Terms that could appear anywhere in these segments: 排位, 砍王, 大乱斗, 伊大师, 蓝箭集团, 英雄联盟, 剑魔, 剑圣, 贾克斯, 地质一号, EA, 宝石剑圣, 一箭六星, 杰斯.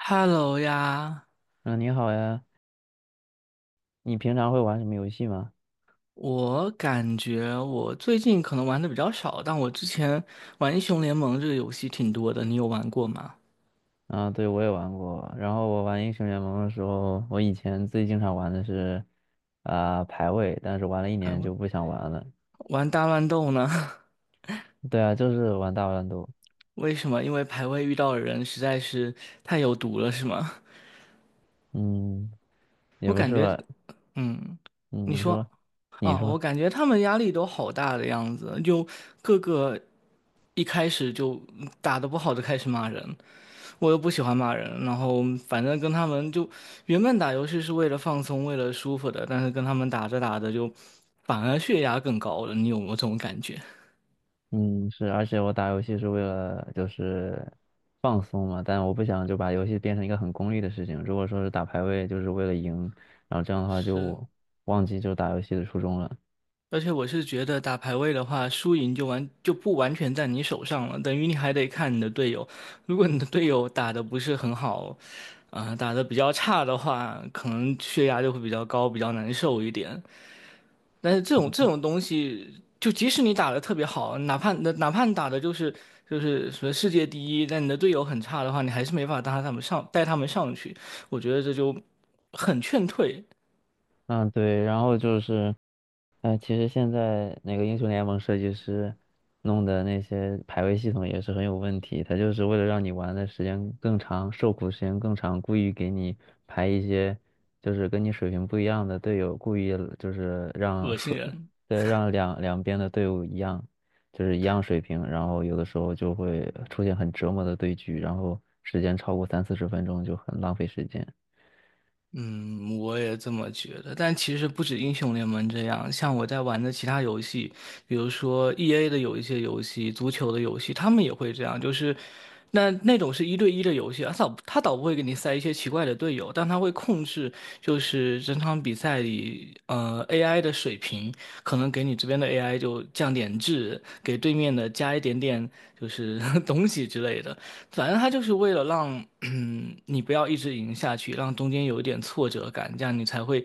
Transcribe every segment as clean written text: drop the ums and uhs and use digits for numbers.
Hello 呀，嗯，你好呀，你平常会玩什么游戏吗？我感觉我最近可能玩的比较少，但我之前玩英雄联盟这个游戏挺多的，你有玩过吗？啊，对，我也玩过。然后我玩英雄联盟的时候，我以前最经常玩的是，排位，但是玩了一还年玩就不想玩了。玩大乱斗呢？对啊，就是玩大乱斗。为什么？因为排位遇到的人实在是太有毒了，是吗？嗯，也我不感是觉，吧？嗯，嗯，你你说，说，你哦，我说，感觉他们压力都好大的样子，就各个一开始就打得不好就开始骂人。我又不喜欢骂人，然后反正跟他们就原本打游戏是为了放松，为了舒服的，但是跟他们打着打着就反而血压更高了，你有没有这种感觉？嗯，是，而且我打游戏是为了就是放松嘛，但我不想就把游戏变成一个很功利的事情。如果说是打排位，就是为了赢，然后这样的话是，就忘记就打游戏的初衷了。而且我是觉得打排位的话，输赢就不完全在你手上了，等于你还得看你的队友。如果你的队友打的不是很好，打的比较差的话，可能血压就会比较高，比较难受一点。但是这种东西，就即使你打得特别好，哪怕你打的就是什么世界第一，但你的队友很差的话，你还是没法带他们上去。我觉得这就很劝退，嗯，对，然后就是，其实现在那个英雄联盟设计师弄的那些排位系统也是很有问题，他就是为了让你玩的时间更长，受苦时间更长，故意给你排一些就是跟你水平不一样的队友，故意就是让恶心水，人。对，让两边的队伍一样，就是一样水平，然后有的时候就会出现很折磨的对局，然后时间超过三四十分钟就很浪费时间。嗯，我也这么觉得。但其实不止英雄联盟这样，像我在玩的其他游戏，比如说 EA 的有一些游戏，足球的游戏，他们也会这样。就是那种是一对一的游戏，他倒不会给你塞一些奇怪的队友，但他会控制，就是整场比赛里，AI 的水平，可能给你这边的 AI 就降点质，给对面的加一点点就是 东西之类的。反正他就是为了让你不要一直赢下去，让中间有一点挫折感，这样你才会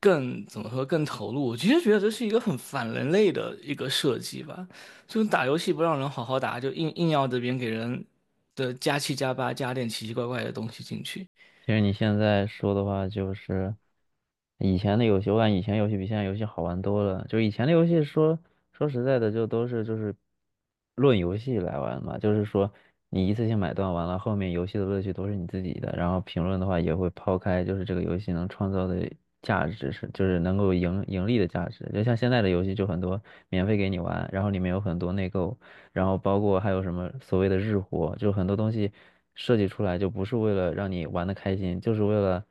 更怎么说更投入。我其实觉得这是一个很反人类的一个设计吧，就是打游戏不让人好好打，就硬要这边给人的加七加八加点奇奇怪怪的东西进去。其实你现在说的话，就是以前的游戏，我感觉以前游戏比现在游戏好玩多了。就以前的游戏说，说实在的，就都是就是论游戏来玩嘛，就是说你一次性买断完了，后面游戏的乐趣都是你自己的。然后评论的话也会抛开，就是这个游戏能创造的价值是，就是能够盈利的价值。就像现在的游戏就很多免费给你玩，然后里面有很多内购。然后包括还有什么所谓的日活，就很多东西设计出来就不是为了让你玩的开心，就是为了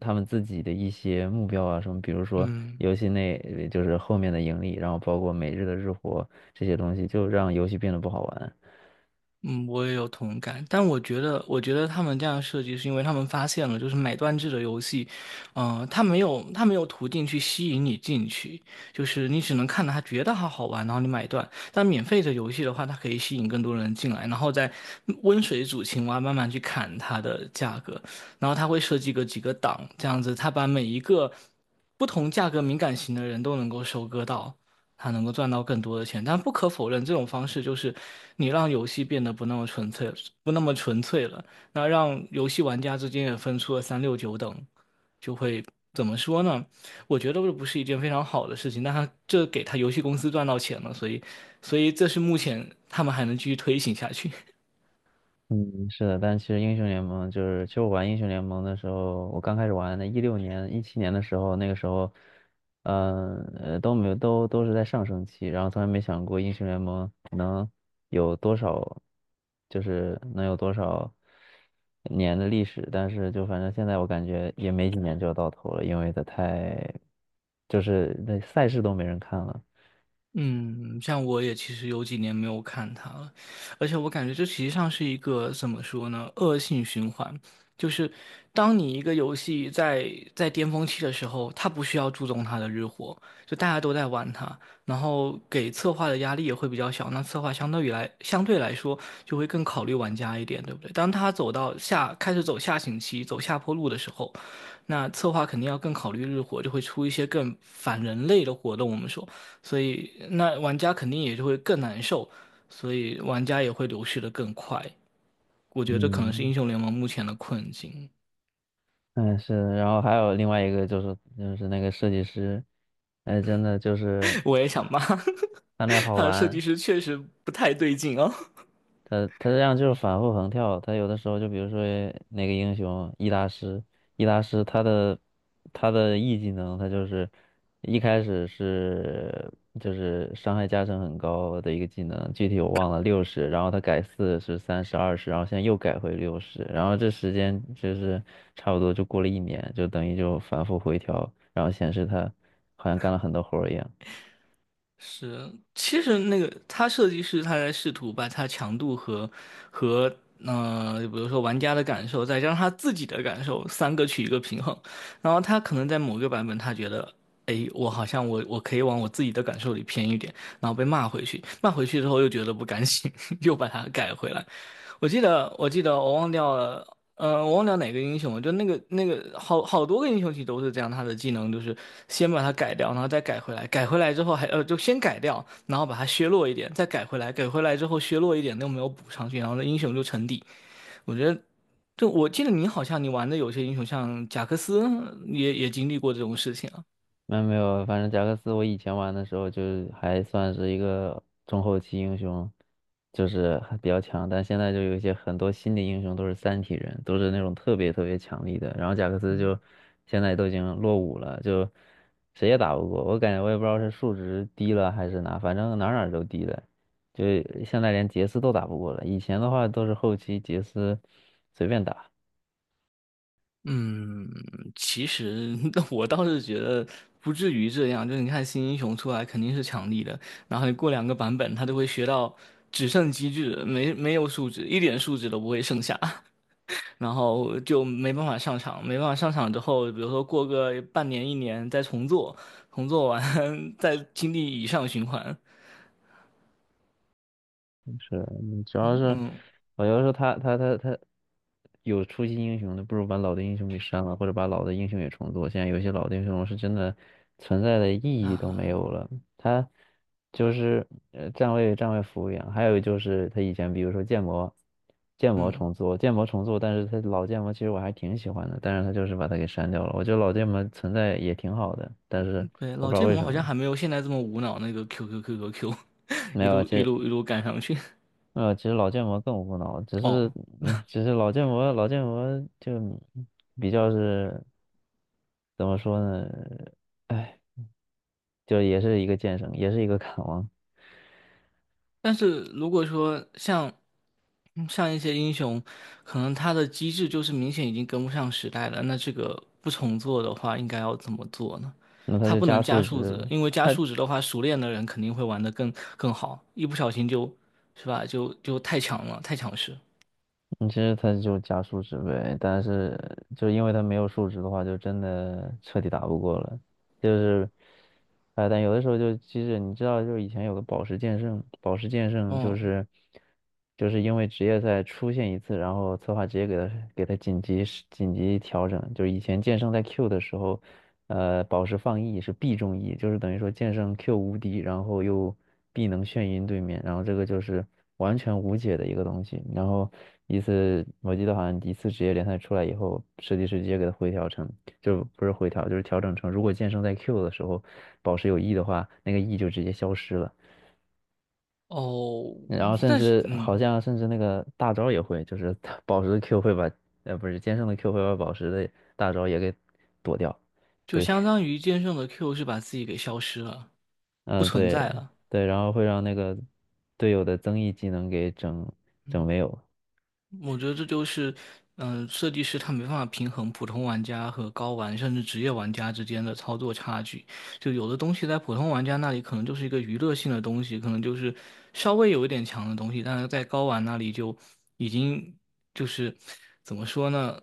他们自己的一些目标啊什么，比如说嗯，游戏内就是后面的盈利，然后包括每日的日活这些东西，就让游戏变得不好玩。嗯，我也有同感，但我觉得，我觉得他们这样设计是因为他们发现了，就是买断制的游戏，他没有途径去吸引你进去，就是你只能看到它觉得它好玩，然后你买断。但免费的游戏的话，它可以吸引更多人进来，然后再温水煮青蛙，慢慢去砍它的价格，然后它会设计个几个档，这样子，它把每一个不同价格敏感型的人都能够收割到。他能够赚到更多的钱。但不可否认，这种方式就是你让游戏变得不那么纯粹，不那么纯粹了。那让游戏玩家之间也分出了三六九等，就会怎么说呢？我觉得这不是一件非常好的事情。但他这给他游戏公司赚到钱了，所以这是目前他们还能继续推行下去。嗯，是的，但其实英雄联盟就是，其实我玩英雄联盟的时候，我刚开始玩的，16年、17年的时候，那个时候，都没有，都是在上升期，然后从来没想过英雄联盟能有多少，就是能有多少年的历史，但是就反正现在我感觉也没几年就要到头了，因为它太，就是那赛事都没人看了，嗯，像我也其实有几年没有看它了，而且我感觉这实际上是一个怎么说呢，恶性循环。就是当你一个游戏在巅峰期的时候，它不需要注重它的日活，就大家都在玩它，然后给策划的压力也会比较小。那策划相对来说就会更考虑玩家一点，对不对？当他走到下开始走下行期、走下坡路的时候，那策划肯定要更考虑日活，就会出一些更反人类的活动。我们说。所以那玩家肯定也就会更难受，所以玩家也会流失的更快。我觉得这可能是嗯。英雄联盟目前的困境。嗯，是然后还有另外一个就是那个设计师，哎，真的就是 我也啊想骂 他那 好他的设计玩，师确实不太对劲哦。他这样就是反复横跳，他有的时候就比如说那个英雄伊大师他的 E 技能，他就是一开始是就是伤害加成很高的一个技能，具体我忘了六十，然后他改四十、30、20，然后现在又改回六十，然后这时间就是差不多就过了一年，就等于就反复回调，然后显示他好像干了很多活儿一样。是，其实那个他设计师他在试图把它强度和比如说玩家的感受，再加上他自己的感受，三个取一个平衡。然后他可能在某个版本，他觉得，哎，我好像我可以往我自己的感受里偏一点，然后被骂回去，骂回去之后又觉得不甘心，又把它改回来。我记得，我记得,我忘掉了，我忘掉哪个英雄了，就那个好多个英雄其实都是这样，他的技能就是先把它改掉，然后再改回来，改回来之后还就先改掉，然后把它削弱一点，再改回来，改回来之后削弱一点，又没有补上去，然后那英雄就沉底。我觉得，就我记得你好像你玩的有些英雄像贾克斯也经历过这种事情啊，没有没有，反正贾克斯我以前玩的时候就是还算是一个中后期英雄，就是还比较强，但现在就有一些很多新的英雄都是三体人，都是那种特别特别强力的，然后贾克斯嗯。就现在都已经落伍了，就谁也打不过，我感觉我也不知道是数值低了还是哪，反正哪儿哪儿都低了，就现在连杰斯都打不过了，以前的话都是后期杰斯随便打。嗯，其实 我倒是觉得不至于这样。就是你看新英雄出来肯定是强力的，然后你过两个版本，他就会学到只剩机制，没有数值，一点数值都不会剩下，然后就没办法上场。没办法上场之后，比如说过个半年一年再重做，重做完 再经历以上循环是，嗯主要是我要是他有出新英雄的，不如把老的英雄给删了，或者把老的英雄也重做。现在有些老的英雄是真的存在的意义都没啊。有了，他就是站位服务员，还有就是他以前比如说建模嗯，重做，建模重做，但是他老建模其实我还挺喜欢的，但是他就是把它给删掉了。我觉得老建模存在也挺好的，但是对，我不老知道剑为魔什好像么还没有现在这么无脑那个 QQQQQ,没一有，路其一实路一路赶上去。其实老剑魔更无脑，只哦，是，哎只是老剑魔就比较是怎么说呢？哎，就也是一个剑圣，也是一个砍王，但是如果说像一些英雄，可能他的机制就是明显已经跟不上时代了，那这个不重做的话，应该要怎么做呢？那他他就不加能加数数值，值，因为加数值的话，熟练的人肯定会玩的更好，一不小心就，是吧？就太强了，太强势。嗯其实他就加数值呗。但是就因为他没有数值的话，就真的彻底打不过了。就是，哎，但有的时候就，其实你知道，就是以前有个宝石剑圣，宝石剑圣就嗯，是，就是因为职业赛出现一次，然后策划直接给他紧急调整，就是以前剑圣在 Q 的时候，宝石放 E 是必中 E，就是等于说剑圣 Q 无敌，然后又必能眩晕对面，然后这个就是完全无解的一个东西。然后一次我记得好像一次职业联赛出来以后，设计师直接给他回调成。就不是回调，就是调整成如果剑圣在 Q 的时候宝石有 E 的话，那个 E 就直接消失了。哦，然后甚但是至好像甚至那个大招也会，就是 它宝石的 Q 会把，不是剑圣的 Q 会把宝石的大招也给躲掉，就就是相当于剑圣的 Q 是把自己给消失了，不嗯存对在了。对，然后会让那个队友的增益技能给整嗯。整没有，我觉得这就是，设计师他没办法平衡普通玩家和高玩甚至职业玩家之间的操作差距。就有的东西在普通玩家那里可能就是一个娱乐性的东西，可能就是稍微有一点强的东西，但是在高玩那里就已经就是怎么说呢，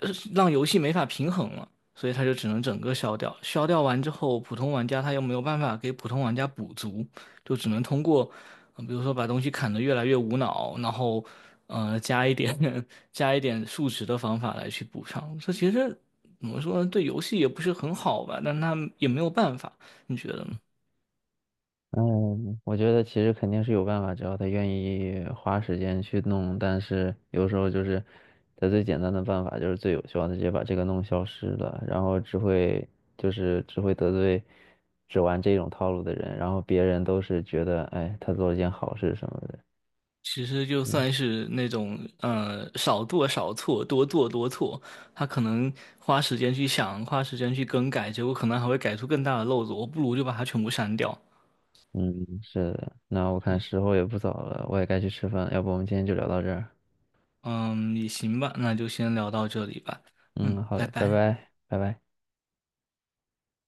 让游戏没法平衡了，所以他就只能整个消掉。消掉完之后，普通玩家他又没有办法给普通玩家补足，就只能通过比如说把东西砍的越来越无脑，然后加一点 加一点数值的方法来去补上。这其实怎么说呢，对游戏也不是很好吧，但他也没有办法，你觉得呢？嗯，我觉得其实肯定是有办法，只要他愿意花时间去弄。但是有时候就是，他最简单的办法就是最有效的，直接把这个弄消失了，然后只会得罪只玩这种套路的人，然后别人都是觉得，哎，他做了件好事什么的。其实就嗯算是那种少做少错，多做多错，他可能花时间去想，花时间去更改，结果可能还会改出更大的漏子。我不如就把它全部删掉。嗯，是的。那我看时候也不早了，我也该去吃饭了，要不我们今天就聊到这儿。嗯，也行吧，那就先聊到这里吧。嗯，嗯，好拜的，拜拜。拜，拜拜。